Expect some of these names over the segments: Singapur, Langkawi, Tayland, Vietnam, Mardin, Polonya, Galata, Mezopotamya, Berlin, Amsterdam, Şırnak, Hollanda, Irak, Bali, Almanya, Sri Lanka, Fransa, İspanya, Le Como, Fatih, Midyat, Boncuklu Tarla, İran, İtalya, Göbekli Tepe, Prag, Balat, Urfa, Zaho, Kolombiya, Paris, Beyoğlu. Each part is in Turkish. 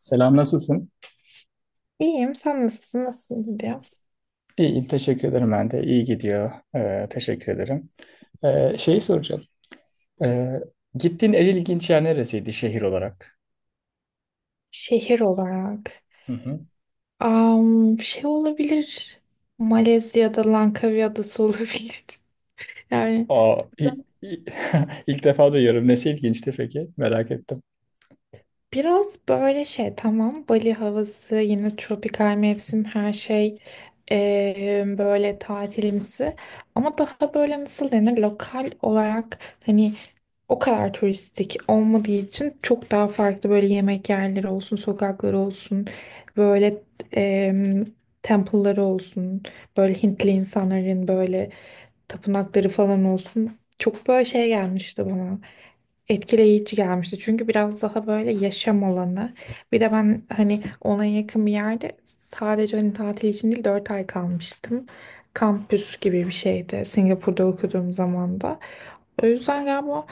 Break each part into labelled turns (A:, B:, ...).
A: Selam, nasılsın?
B: İyiyim. Sen nasılsın? Nasıl gidiyor?
A: İyiyim, teşekkür ederim ben de. İyi gidiyor. Teşekkür ederim. Şeyi soracağım. Ee, Gittiğin en ilginç yer neresiydi şehir olarak?
B: Şehir olarak.
A: Hı hı.
B: Şey olabilir. Malezya'da Langkawi Adası olabilir. Yani
A: Aa, ilk defa duyuyorum. Nesi ilginçti peki? Merak ettim.
B: biraz böyle şey tamam Bali havası yine tropikal mevsim her şey, böyle tatilimsi, ama daha böyle nasıl denir, lokal olarak hani o kadar turistik olmadığı için çok daha farklı, böyle yemek yerleri olsun, sokakları olsun, böyle eee temple'ları olsun, böyle Hintli insanların böyle tapınakları falan olsun, çok böyle şey gelmişti bana, etkileyici gelmişti. Çünkü biraz daha böyle yaşam alanı. Bir de ben hani ona yakın bir yerde, sadece hani tatil için değil, 4 ay kalmıştım. Kampüs gibi bir şeydi Singapur'da okuduğum zaman da. O yüzden galiba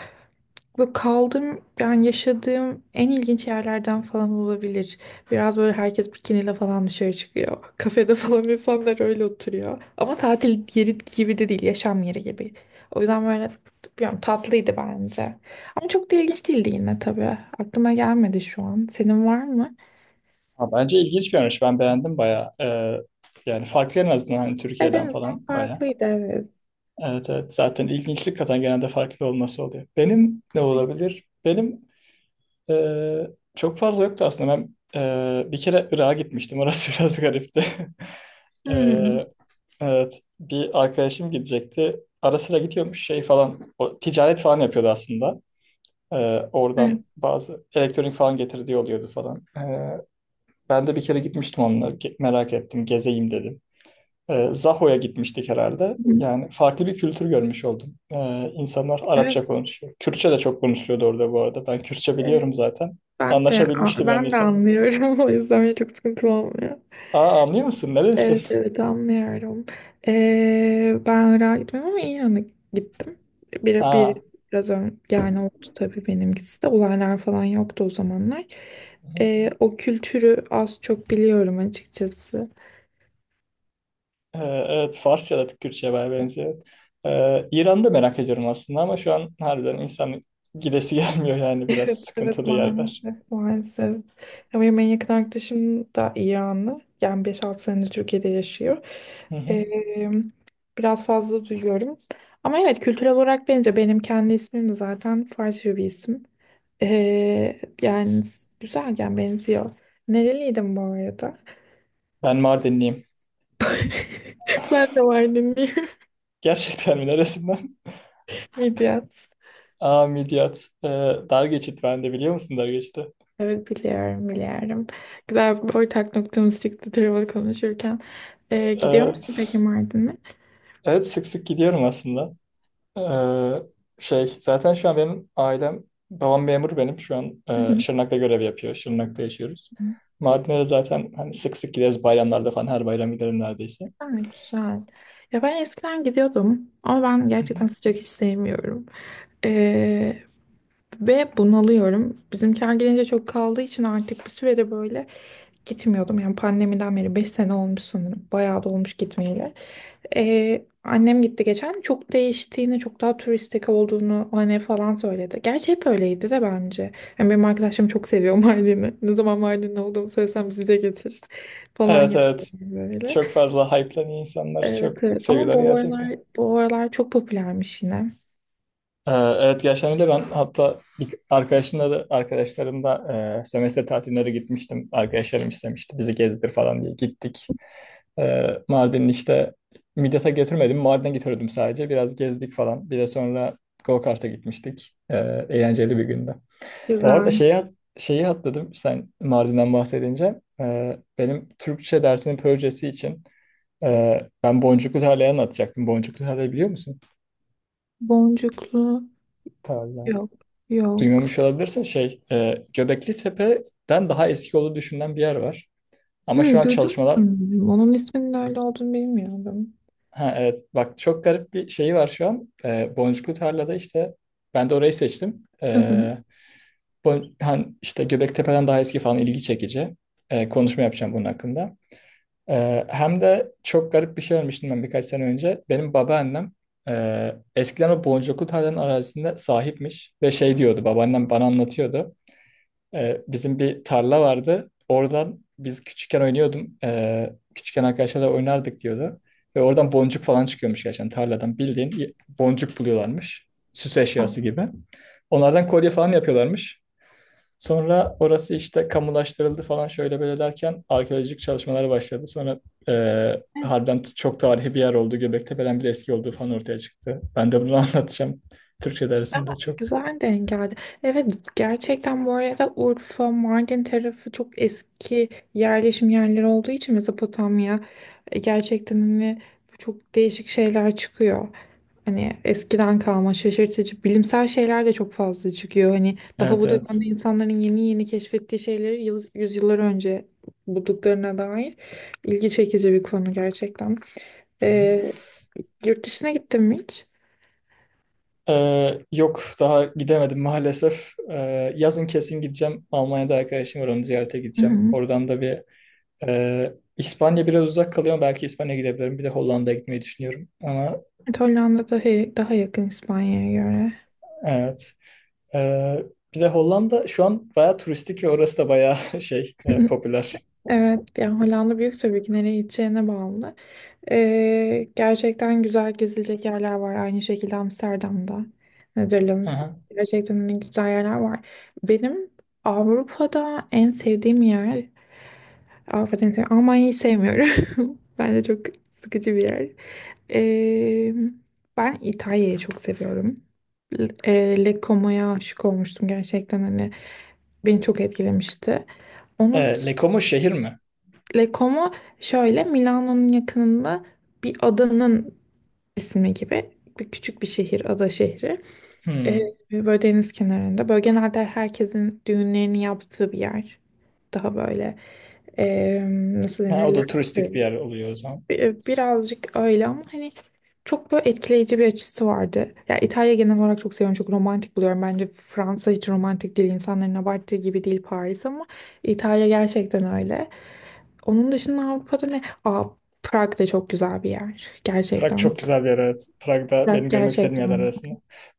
B: böyle kaldığım, yani yaşadığım en ilginç yerlerden falan olabilir. Biraz böyle herkes bikiniyle falan dışarı çıkıyor. Kafede falan insanlar öyle oturuyor. Ama tatil yeri gibi de değil, yaşam yeri gibi. O yüzden böyle bilmiyorum, tatlıydı bence. Ama çok da ilginç değildi yine tabii. Aklıma gelmedi şu an. Senin var mı?
A: Ha, bence ilginç bir yermiş. Ben beğendim bayağı. Yani farklı en azından hani
B: Evet, en
A: Türkiye'den
B: azından
A: falan bayağı.
B: farklıydı, evet.
A: Evet evet. Zaten ilginçlik katan genelde farklı olması oluyor. Benim ne olabilir? Benim Ee, çok fazla yoktu aslında. Ben bir kere Irak'a gitmiştim. Orası biraz garipti.
B: Hmm,
A: Ee, evet. Bir arkadaşım gidecekti. Ara sıra gidiyormuş şey falan. O, ticaret falan yapıyordu aslında. Ee,
B: evet.
A: Oradan bazı elektronik falan getirdiği oluyordu falan. Ben de bir kere gitmiştim onunla. Merak ettim. Gezeyim dedim. Zaho'ya gitmiştik herhalde.
B: Hı.
A: Yani farklı bir kültür görmüş oldum. İnsanlar
B: Evet,
A: Arapça konuşuyor. Kürtçe de çok konuşuyordu orada bu arada. Ben Kürtçe
B: evet.
A: biliyorum zaten.
B: Ben de
A: Anlaşabilmiştim yani
B: ben de
A: insanlar.
B: anlıyorum. O yüzden çok sıkıntı olmuyor.
A: Aa anlıyor musun? Nerelisin?
B: Evet evet, anlıyorum. Ben Irak'a gitmedim ama İran'a gittim. Bir, bir,
A: Ha.
B: biraz ön, yani oldu tabii benimkisi de. Olaylar falan yoktu o zamanlar. O kültürü az çok biliyorum açıkçası.
A: E, evet Farsça da Kürtçe'ye bayağı benziyor. İran'da merak ediyorum aslında ama şu an harbiden insan gidesi gelmiyor yani biraz
B: Evet evet,
A: sıkıntılı yerler.
B: maalesef maalesef. Ama benim en yakın arkadaşım da İranlı. Yani 5-6 senedir Türkiye'de yaşıyor.
A: Hı hı.
B: Ee, Biraz fazla duyuyorum. Ama evet, kültürel olarak bence benim kendi ismim de zaten Farsça bir isim. Yani güzelken benziyor. Nereliydin bu arada?
A: Ben Mardinliyim.
B: Ben de Mardinliyim.
A: Gerçekten mi? Neresinden?
B: Midyat.
A: Aa Midyat. Dar geçit ben de biliyor musun dar geçiti?
B: Evet biliyorum, biliyorum. Güzel bir ortak noktamız çıktı travel konuşurken. Gidiyor musun peki Mardin'e?
A: Evet sık sık gidiyorum aslında. Ee, Şey zaten şu an benim ailem babam memur benim şu an
B: Hı hı.
A: Şırnak'ta görev yapıyor. Şırnak'ta yaşıyoruz. Mardin'e de zaten hani sık sık gideriz bayramlarda falan her bayram giderim neredeyse.
B: Güzel güzel. Ya ben eskiden gidiyordum ama ben gerçekten sıcak hiç sevmiyorum. Ee, Ve bunalıyorum. Bizimkiler gelince çok kaldığı için artık bir sürede böyle gitmiyordum, yani pandemiden beri 5 sene olmuş sanırım. Bayağı da olmuş gitmeyeli. Annem gitti geçen. Çok değiştiğini, çok daha turistik olduğunu hani falan söyledi. Gerçi hep öyleydi de bence. Yani benim arkadaşlarım çok seviyor Mardin'i. Ne zaman Mardin'de olduğumu söylesem "bize getir" falan
A: Evet
B: yapıyor
A: evet,
B: böyle.
A: çok fazla hype'lanıyor, insanlar
B: Evet,
A: çok
B: evet. Ama
A: seviyorlar
B: bu
A: gerçekten.
B: aralar, bu aralar çok popülermiş yine.
A: Evet gerçekten öyle, ben hatta bir arkadaşımla da arkadaşlarımla sömestr tatilleri gitmiştim. Arkadaşlarım istemişti bizi gezdir falan diye gittik. Mardin'in işte Midyat'a götürmedim. Mardin'e getirdim sadece. Biraz gezdik falan. Bir de sonra go-kart'a gitmiştik. Eğlenceli bir gündü. Bu arada
B: Güzel.
A: şeyi atladım sen Mardin'den bahsedince. Benim Türkçe dersinin projesi için ben Boncuklu Tarla'yı anlatacaktım. Boncuklu Tarla'yı biliyor musun?
B: Boncuklu.
A: Tarla.
B: Yok. Yok.
A: Duymamış olabilirsin. Göbekli Tepe'den daha eski olduğu düşünülen bir yer var. Ama şu
B: Hı,
A: an
B: duydum
A: çalışmalar.
B: sanırım. Onun isminin öyle olduğunu bilmiyordum.
A: Ha, evet bak çok garip bir şeyi var şu an. Boncuklu Tarla'da işte ben de orayı seçtim.
B: Hı hı.
A: Hani işte Göbektepe'den daha eski falan ilgi çekici. Konuşma yapacağım bunun hakkında. Hem de çok garip bir şey, ölmüştüm ben birkaç sene önce. Benim babaannem eskiden o Boncuklu Tarla'nın arazisinde sahipmiş ve şey diyordu, babaannem bana anlatıyordu. Bizim bir tarla vardı. Oradan biz küçükken oynuyordum. Küçükken arkadaşlarla oynardık diyordu. Ve oradan boncuk falan çıkıyormuş gerçekten tarladan. Bildiğin boncuk buluyorlarmış. Süs
B: Aa.
A: eşyası gibi. Onlardan kolye falan yapıyorlarmış. Sonra orası işte kamulaştırıldı falan şöyle böyle derken arkeolojik çalışmalar başladı. Sonra harbiden çok tarihi bir yer oldu. Göbeklitepe'den bile eski olduğu falan ortaya çıktı. Ben de bunu anlatacağım. Türkçe
B: Ama
A: dersinde çok.
B: güzel denk geldi. Evet gerçekten, bu arada Urfa, Mardin tarafı çok eski yerleşim yerleri olduğu için Mezopotamya, gerçekten hani çok değişik şeyler çıkıyor. Hani eskiden kalma şaşırtıcı bilimsel şeyler de çok fazla çıkıyor. Hani daha
A: Evet
B: bu
A: evet.
B: dönemde insanların yeni yeni keşfettiği şeyleri yıl, yüzyıllar önce bulduklarına dair ilgi çekici bir konu gerçekten. Ee, Yurt dışına gittin mi hiç?
A: Yok daha gidemedim maalesef. Yazın kesin gideceğim. Almanya'da arkadaşım var, onu ziyarete gideceğim. Oradan da bir İspanya biraz uzak kalıyor ama belki İspanya'ya gidebilirim. Bir de Hollanda'ya gitmeyi düşünüyorum. Ama
B: Evet, Hollanda daha yakın İspanya'ya göre.
A: evet. Ee, Bir de Hollanda şu an bayağı turistik ve orası da bayağı popüler.
B: Evet, yani Hollanda büyük tabii ki, nereye gideceğine bağlı. Gerçekten güzel gezilecek yerler var. Aynı şekilde Amsterdam'da,
A: Hı
B: Netherlands.
A: hı.
B: Gerçekten hani güzel yerler var. Benim Avrupa'da en sevdiğim yer, Avrupa'da en sevdiğim, Almanya'yı sevmiyorum. Bence çok sıkıcı bir yer. Ee, Ben İtalya'yı çok seviyorum. Le Como'ya aşık olmuştum, gerçekten hani beni çok etkilemişti. Onun
A: Leko mu, şehir mi?
B: Lecomo şöyle Milano'nun yakınında, bir adanın ismi gibi, bir küçük bir şehir, ada şehri. Ee,
A: Hmm.
B: Böyle deniz kenarında. Böyle genelde herkesin düğünlerini yaptığı bir yer. Daha böyle ee, nasıl
A: Ha, o
B: denir?
A: da turistik bir yer oluyor o zaman.
B: Birazcık öyle ama hani çok böyle etkileyici bir açısı vardı. Ya İtalya genel olarak çok seviyorum, çok romantik buluyorum. Bence Fransa hiç romantik değil, insanların abarttığı gibi değil Paris, ama İtalya gerçekten öyle. Onun dışında Avrupa'da ne? Aa, Prag da çok güzel bir yer.
A: Prag
B: Gerçekten.
A: çok güzel bir yer, evet. Prag'da benim
B: Prag
A: görmek istediğim yerler
B: gerçekten.
A: arasında.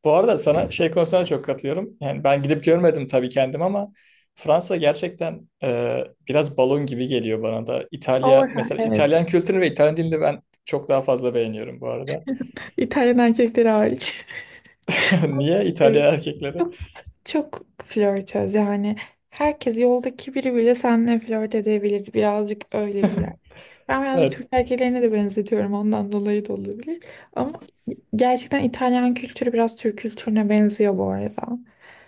A: Bu arada sana şey konusunda çok katılıyorum. Yani ben gidip görmedim tabii kendim ama Fransa gerçekten biraz balon gibi geliyor bana da. İtalya
B: Overhaul.
A: mesela, İtalyan
B: Evet.
A: kültürünü ve İtalyan dilini ben çok daha fazla beğeniyorum bu arada.
B: İtalyan erkekleri hariç.
A: Niye?
B: Evet.
A: İtalyan erkekleri.
B: Çok, çok flörtöz yani. Herkes, yoldaki biri bile seninle flört edebilir. Birazcık öyle bir yer. Ben birazcık
A: Evet,
B: Türk erkeklerine de benzetiyorum. Ondan dolayı da olabilir. Ama gerçekten İtalyan kültürü biraz Türk kültürüne benziyor bu arada.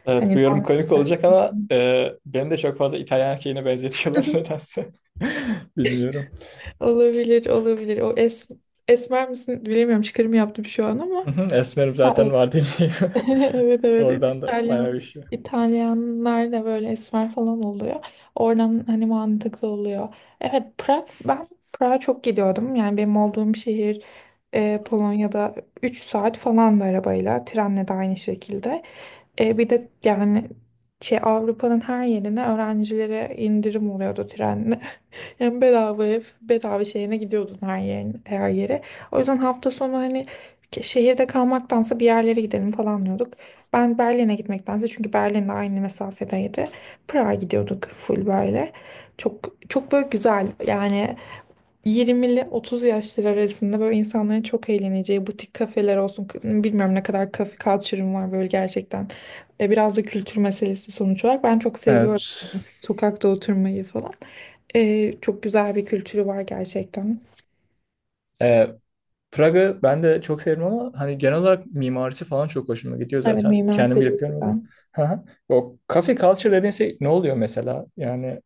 A: evet bu
B: Hani
A: yorum komik olacak ama beni de çok fazla İtalyan erkeğine benzetiyorlar nedense. Bilmiyorum.
B: olabilir, olabilir. O esmer misin bilemiyorum. Çıkarım yaptım şu an ama.
A: Hı hı, esmerim
B: Ha,
A: zaten
B: evet.
A: var dediğim.
B: Evet evet.
A: Oradan da bayağı
B: İtalyan,
A: üşüyor.
B: İtalyanlar da böyle esmer falan oluyor. Oradan hani mantıklı oluyor. Evet, Prag, ben Prag'a çok gidiyordum. Yani benim olduğum şehir Polonya'da, 3 saat falan da arabayla, trenle de aynı şekilde. Bir de yani şey Avrupa'nın her yerine öğrencilere indirim oluyordu trenle. Hem bedava ev, bedava şeyine gidiyordun her yerin, her yere. O yüzden hafta sonu hani şehirde kalmaktansa bir yerlere gidelim falan diyorduk. Ben Berlin'e gitmektense, çünkü Berlin'le aynı mesafedeydi, Prag'a gidiyorduk full böyle. Çok çok böyle güzel yani, 20'li 30 yaşları arasında böyle insanların çok eğleneceği butik kafeler olsun. Bilmiyorum, ne kadar kafe culture'ım var böyle gerçekten. Biraz da kültür meselesi sonuç olarak. Ben çok seviyorum
A: Evet.
B: sokakta oturmayı falan. Çok güzel bir kültürü var gerçekten.
A: Ee, Praga ben de çok severim ama hani genel olarak mimarisi falan çok hoşuma gidiyor
B: Evet,
A: zaten.
B: mimarisi
A: Kendim
B: de
A: gidip
B: çok güzel.
A: görmedim. Hı hı. O kafe culture dediğin şey ne oluyor mesela? Yani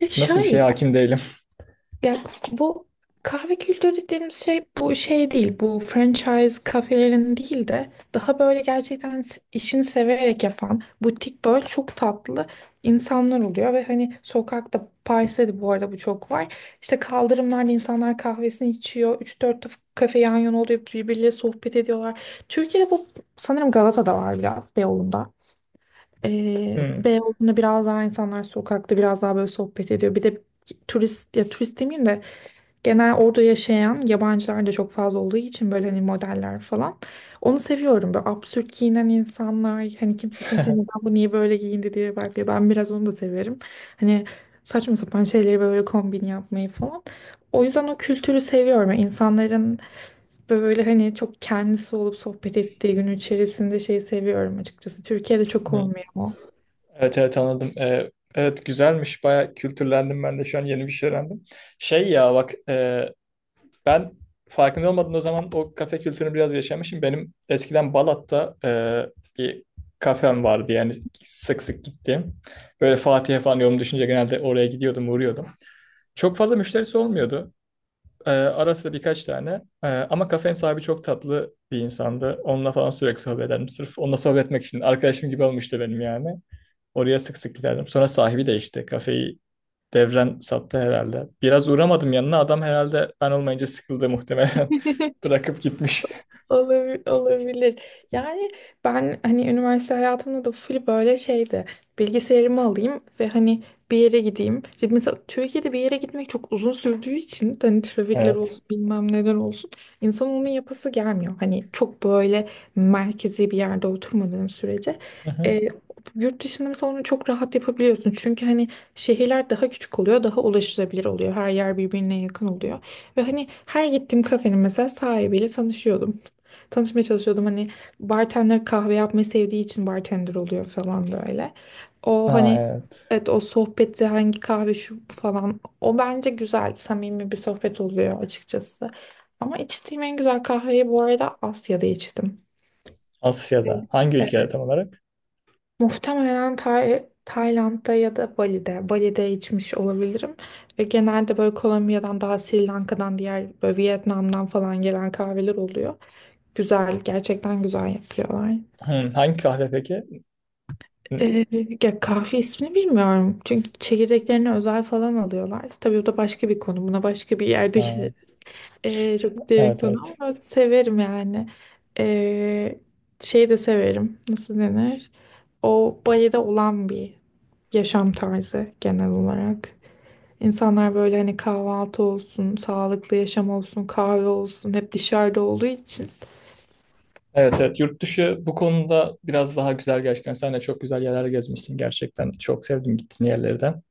B: Ya
A: nasıl bir şeye
B: şöyle,
A: hakim değilim.
B: ya bu kahve kültürü dediğimiz şey, bu şey değil. Bu franchise kafelerin değil de daha böyle gerçekten işini severek yapan butik, böyle çok tatlı insanlar oluyor ve hani sokakta, Paris'te de bu arada bu çok var. İşte kaldırımlarda insanlar kahvesini içiyor. 3-4 kafe yan yana oluyor, birbirleriyle sohbet ediyorlar. Türkiye'de bu sanırım Galata'da var biraz, Beyoğlu'nda.
A: Hmm.
B: Beyoğlu'nda biraz daha insanlar sokakta biraz daha böyle sohbet ediyor. Bir de turist, ya turist demeyeyim de, genel orada yaşayan yabancılar da çok fazla olduğu için böyle hani modeller falan. Onu seviyorum, böyle absürt giyinen insanlar, hani kimse kimse neden bu niye böyle giyindi diye bakıyor. Ben biraz onu da severim. Hani saçma sapan şeyleri böyle kombin yapmayı falan. O yüzden o kültürü seviyorum. Yani İnsanların böyle hani çok kendisi olup sohbet ettiği, gün içerisinde, şeyi seviyorum açıkçası. Türkiye'de çok olmuyor.
A: Evet evet anladım. Evet güzelmiş. Bayağı kültürlendim ben de şu an, yeni bir şey öğrendim. Şey ya bak ben farkında olmadan o zaman o kafe kültürünü biraz yaşamışım. Benim eskiden Balat'ta bir kafem vardı yani sık sık gittiğim. Böyle Fatih'e falan yolum düşünce genelde oraya gidiyordum, uğruyordum. Çok fazla müşterisi olmuyordu. Ara sıra birkaç tane. Ama kafenin sahibi çok tatlı bir insandı. Onunla falan sürekli sohbet ederdim. Sırf onunla sohbet etmek için. Arkadaşım gibi olmuştu benim yani. Oraya sık sık giderdim. Sonra sahibi değişti. Kafeyi devren sattı herhalde. Biraz uğramadım yanına. Adam herhalde ben olmayınca sıkıldı muhtemelen. Bırakıp gitmiş.
B: Olabilir. Yani ben hani üniversite hayatımda da full böyle şeydi. Bilgisayarımı alayım ve hani bir yere gideyim. Şimdi mesela Türkiye'de bir yere gitmek çok uzun sürdüğü için, hani trafikler
A: Evet.
B: olsun bilmem neler olsun, insan onun yapası gelmiyor. Hani çok böyle merkezi bir yerde oturmadığın sürece.
A: Hı hı.
B: E, Yurt dışında mesela onu çok rahat yapabiliyorsun. Çünkü hani şehirler daha küçük oluyor, daha ulaşılabilir oluyor. Her yer birbirine yakın oluyor. Ve hani her gittiğim kafenin mesela sahibiyle tanışıyordum, tanışmaya çalışıyordum. Hani bartender, kahve yapmayı sevdiği için bartender oluyor falan böyle. O
A: Ha,
B: hani,
A: evet.
B: evet, o sohbette "hangi kahve şu" falan, o bence güzel samimi bir sohbet oluyor açıkçası. Ama içtiğim en güzel kahveyi bu arada Asya'da içtim. Evet.
A: Asya'da. Hangi ülkede
B: Evet.
A: tam olarak?
B: Muhtemelen Tayland'da ya da Bali'de. Bali'de içmiş olabilirim. Ve genelde böyle Kolombiya'dan, daha Sri Lanka'dan, diğer böyle Vietnam'dan falan gelen kahveler oluyor. Güzel, gerçekten güzel yapıyorlar.
A: Hı, hangi kahve peki? Hı.
B: Ee, Ya kahve ismini bilmiyorum. Çünkü çekirdeklerini özel falan alıyorlar. Tabii o da başka bir konu. Buna başka bir yerde
A: Ha,
B: gireriz. Çok derin
A: evet
B: konu
A: evet.
B: ama severim yani. Ee, Şey de severim. Nasıl denir? O Bali'de olan bir yaşam tarzı genel olarak. İnsanlar böyle hani kahvaltı olsun, sağlıklı yaşam olsun, kahve olsun, hep dışarıda olduğu için
A: Evet evet. Yurt dışı bu konuda biraz daha güzel gerçekten. Sen de çok güzel yerler gezmişsin gerçekten. Çok sevdim gittiğin yerlerden.